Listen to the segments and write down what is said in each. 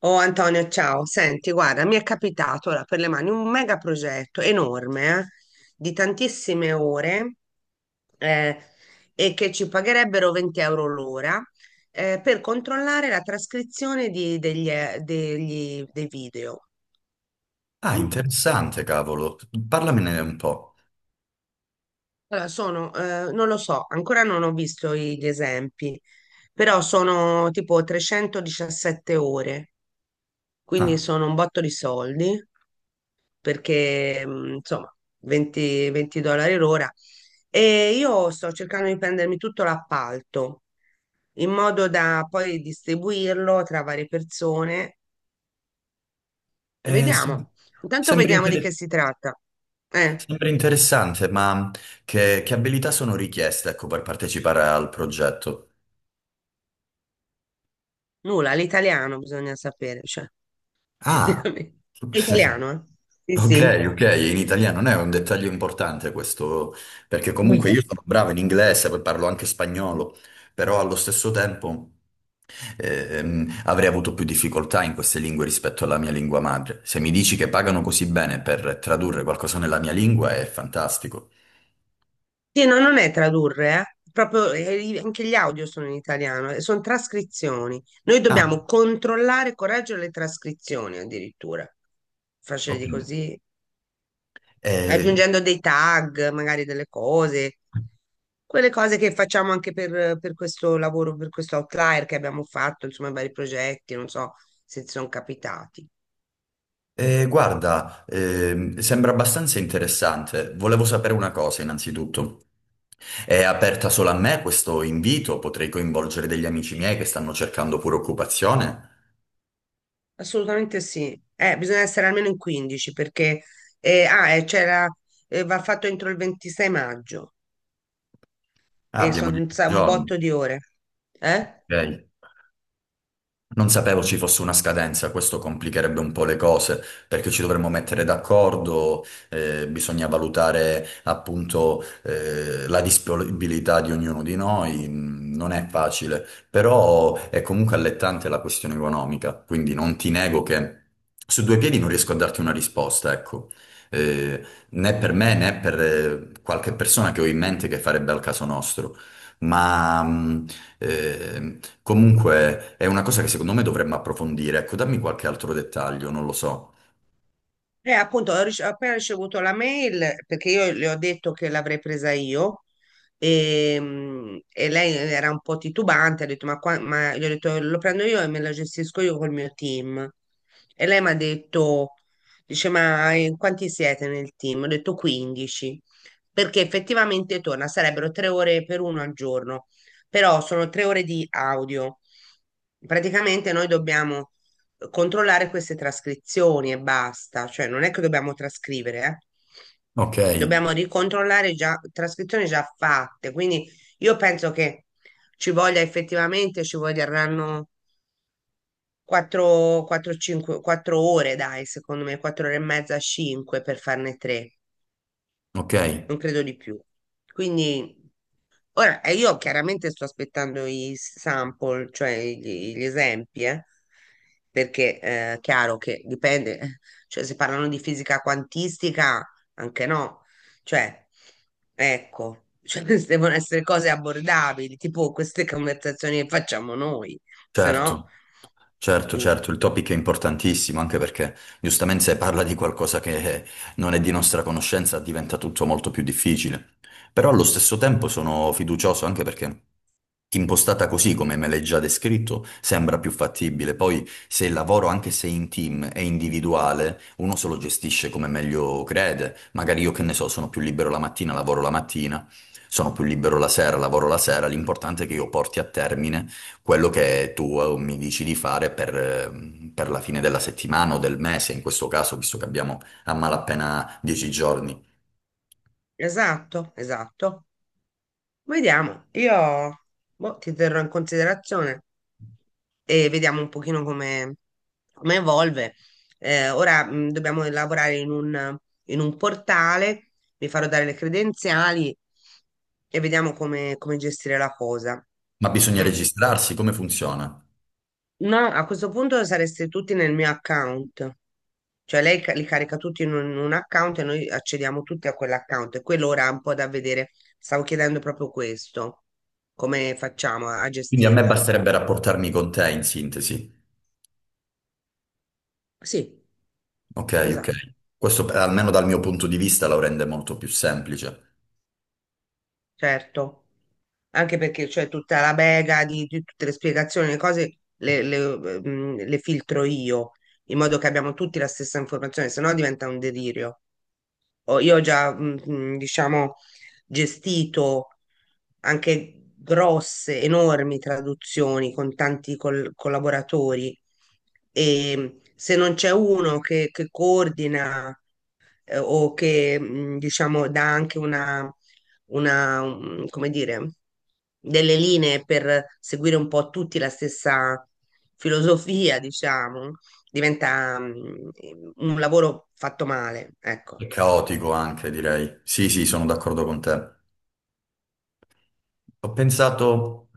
Oh Antonio, ciao. Senti, guarda, mi è capitato ora per le mani un mega progetto enorme, di tantissime ore eh, e che ci pagherebbero 20 € l'ora per controllare la trascrizione dei video. Ah, Mm. interessante, cavolo. Parlamene un po'. Allora, sono, non lo so, ancora non ho visto gli esempi, però sono tipo 317 ore, quindi Ah, sono un botto di soldi. Perché insomma $20 l'ora. E io sto cercando di prendermi tutto l'appalto in modo da poi distribuirlo tra varie persone. eh, sem- Vediamo. Intanto sembra, vediamo di che inter- si tratta. Eh, sembra interessante, ma che abilità sono richieste, ecco, per partecipare al progetto? Nulla, l'italiano bisogna sapere, cioè, Ah, praticamente. È italiano, eh? ok, Sì, ok, in italiano non è un dettaglio importante questo, perché comunque sì. io sono bravo in inglese, poi parlo anche spagnolo, però allo stesso tempo avrei avuto più difficoltà in queste lingue rispetto alla mia lingua madre. Se mi dici che pagano così bene per tradurre qualcosa nella mia lingua è fantastico. Sì, no, non è tradurre, eh. Proprio, anche gli audio sono in italiano, sono trascrizioni. Noi Ah, dobbiamo controllare, e correggere le trascrizioni addirittura, facile ok. di così, Eh, aggiungendo dei tag, magari delle cose, quelle cose che facciamo anche per questo lavoro, per questo outlier che abbiamo fatto, insomma, vari progetti, non so se ti sono capitati. guarda, sembra abbastanza interessante. Volevo sapere una cosa innanzitutto. È aperta solo a me questo invito? Potrei coinvolgere degli amici miei che stanno cercando pure occupazione? Assolutamente sì, bisogna essere almeno in 15 perché c'era, va fatto entro il 26 maggio Ah, e abbiamo sono dieci un giorni. botto di ore. Eh? Ok. Non sapevo ci fosse una scadenza, questo complicherebbe un po' le cose, perché ci dovremmo mettere d'accordo, bisogna valutare appunto la disponibilità di ognuno di noi, mm, non è facile, però è comunque allettante la questione economica, quindi non ti nego che su due piedi non riesco a darti una risposta, ecco. Né per me né per qualche persona che ho in mente che farebbe al caso nostro, ma... mm, Ehm, Comunque è una cosa che secondo me dovremmo approfondire. Ecco, dammi qualche altro dettaglio, non lo so. Appunto, ho appena ricevuto la mail perché io le ho detto che l'avrei presa io e lei era un po' titubante, ha detto ma, qua, ma gli ho detto lo prendo io e me la gestisco io col mio team. E lei mi ha detto, dice ma in quanti siete nel team? Ho detto 15, perché effettivamente torna, sarebbero 3 ore per uno al giorno, però sono 3 ore di audio. Praticamente noi dobbiamo controllare queste trascrizioni e basta, cioè non è che dobbiamo trascrivere, eh. Ok, Dobbiamo ricontrollare già trascrizioni già fatte, quindi io penso che ci voglia effettivamente, ci vorranno 4, 4, 5, 4 ore, dai, secondo me, 4 ore e mezza, 5 per farne 3, ok, non credo di più. Quindi. Ora, io chiaramente sto aspettando i sample, cioè gli esempi, perché è chiaro che dipende, cioè se parlano di fisica quantistica, anche no, cioè, ecco, cioè, queste devono essere cose abbordabili, tipo queste conversazioni che facciamo noi, se no. certo. Certo, Mm. certo, il topic è importantissimo, anche perché giustamente se parla di qualcosa che non è di nostra conoscenza diventa tutto molto più difficile. Però allo stesso tempo sono fiducioso anche perché impostata così, come me l'hai già descritto, sembra più fattibile. Poi se il lavoro, anche se in team, è individuale, uno se lo gestisce come meglio crede. Magari io che ne so, sono più libero la mattina, lavoro la mattina, sono più libero la sera, lavoro la sera. L'importante è che io porti a termine quello che tu mi dici di fare per la fine della settimana o del mese, in questo caso, visto che abbiamo a malapena 10 giorni. Esatto, esatto. Vediamo, io boh, ti terrò in considerazione e vediamo un pochino come evolve. Ora dobbiamo lavorare in un portale, mi farò dare le credenziali e vediamo come gestire la cosa. Ma bisogna Mm. registrarsi, come funziona? No, a questo punto sareste tutti nel mio account. Cioè lei li carica tutti in un account e noi accediamo tutti a quell'account. E quello ora è un po' da vedere. Stavo chiedendo proprio questo. Come facciamo a Quindi a me gestirla? basterebbe rapportarmi con te in sintesi. Sì, Ok, esatto, ok. Questo almeno dal mio punto di vista lo rende molto più semplice certo. Anche perché c'è tutta la bega di tutte le spiegazioni, le cose le filtro io, in modo che abbiamo tutti la stessa informazione, se no diventa un delirio. Io ho già, diciamo, gestito anche grosse, enormi traduzioni con tanti collaboratori e se non c'è uno che coordina o che, diciamo, dà anche come dire, delle linee per seguire un po' tutti la stessa filosofia, diciamo, diventa un lavoro fatto male, ecco. e caotico anche, direi. Sì, sì, sono d'accordo con te. Ho pensato,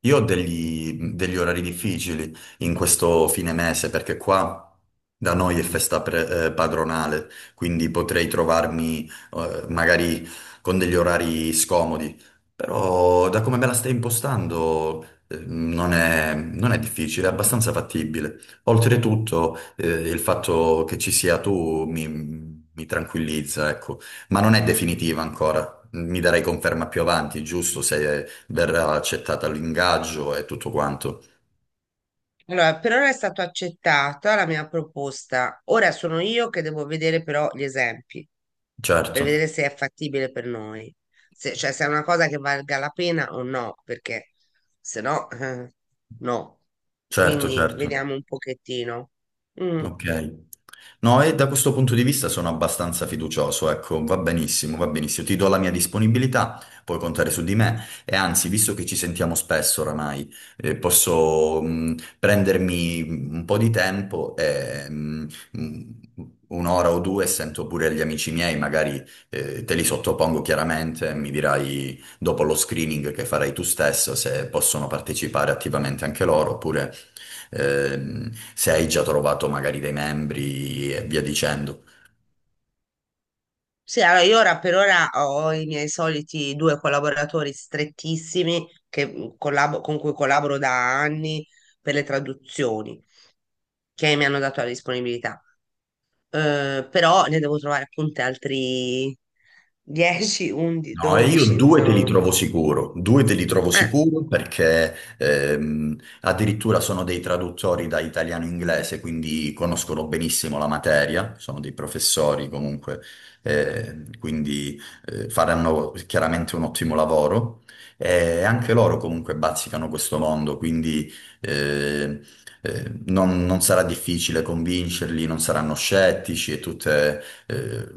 io ho degli orari difficili in questo fine mese perché qua da noi è festa padronale, quindi potrei trovarmi magari con degli orari scomodi, però da come me la stai impostando non è difficile, è abbastanza fattibile. Oltretutto il fatto che ci sia tu mi tranquillizza, ecco, ma non è definitiva ancora. Mi darai conferma più avanti, giusto? Se verrà accettata l'ingaggio e tutto quanto. Allora, per ora è stata accettata la mia proposta. Ora sono io che devo vedere però gli esempi Certo, per vedere se è fattibile per noi, se, cioè se è una cosa che valga la pena o no, perché se no, no. certo, Quindi certo. vediamo un pochettino. Mm. Ok. No, e da questo punto di vista sono abbastanza fiducioso, ecco, va benissimo, va benissimo. Ti do la mia disponibilità, puoi contare su di me e anzi, visto che ci sentiamo spesso oramai, posso prendermi un po' di tempo e un'ora o due sento pure gli amici miei, magari te li sottopongo chiaramente, mi dirai dopo lo screening che farai tu stesso se possono partecipare attivamente anche loro oppure se hai già trovato magari dei membri e via dicendo. Sì, allora io ora per ora ho i miei soliti due collaboratori strettissimi con cui collaboro da anni per le traduzioni che mi hanno dato la disponibilità. Però ne devo trovare appunto altri 10, 11, No, e io 12, due te li insomma. trovo sicuro, due te li trovo Eh, sicuro perché addirittura sono dei traduttori da italiano-inglese, quindi conoscono benissimo la materia, sono dei professori comunque, quindi faranno chiaramente un ottimo lavoro e anche loro comunque bazzicano questo mondo, quindi eh, non sarà difficile convincerli, non saranno scettici e tutte... eh,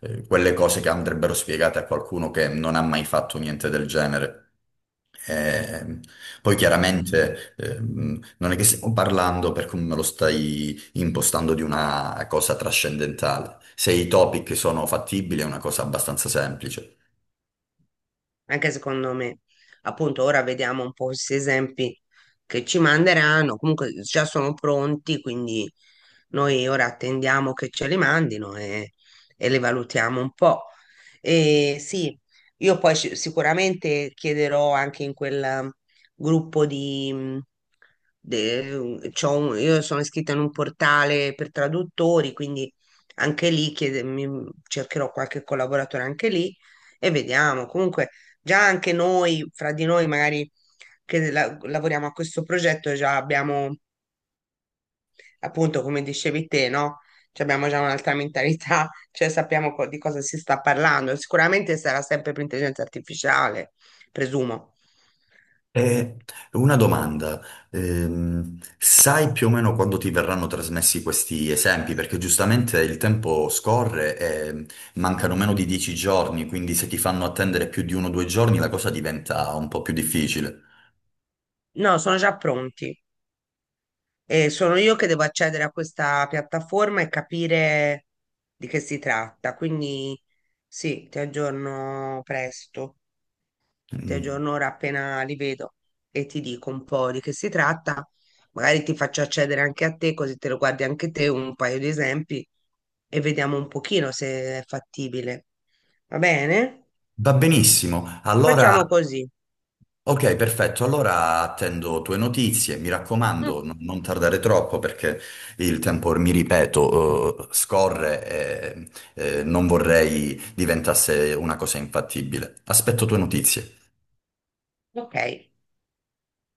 quelle cose che andrebbero spiegate a qualcuno che non ha mai fatto niente del genere. Eh, poi chiaramente non è che stiamo parlando, per come me lo stai impostando, di una cosa trascendentale. Se i topic sono fattibili è una cosa abbastanza semplice. Anche secondo me, appunto, ora vediamo un po' questi esempi che ci manderanno. Comunque già sono pronti, quindi noi ora attendiamo che ce li mandino e li valutiamo un po'. E sì, io poi sicuramente chiederò anche in quel gruppo di... de- c'ho un- io sono iscritta in un portale per traduttori, quindi anche lì cercherò qualche collaboratore anche lì e vediamo. Comunque già anche noi, fra di noi magari che lavoriamo a questo progetto, già abbiamo, appunto, come dicevi te, no? Cioè abbiamo già un'altra mentalità, cioè sappiamo di cosa si sta parlando. Sicuramente sarà sempre per intelligenza artificiale, presumo. Eh, una domanda. Sai più o meno quando ti verranno trasmessi questi esempi? Perché giustamente il tempo scorre e mancano meno di 10 giorni, quindi se ti fanno attendere più di uno o due giorni la cosa diventa un po' più difficile. No, sono già pronti. E sono io che devo accedere a questa piattaforma e capire di che si tratta. Quindi sì, ti aggiorno presto. Ti Mm. aggiorno ora appena li vedo e ti dico un po' di che si tratta. Magari ti faccio accedere anche a te, così te lo guardi anche te, un paio di esempi e vediamo un pochino se è fattibile. Va bene? Va benissimo, allora. Facciamo così. Ok, perfetto. Allora attendo tue notizie. Mi Mm, raccomando, non tardare troppo perché il tempo, mi ripeto, scorre e non vorrei diventasse una cosa infattibile. Aspetto tue notizie. ok.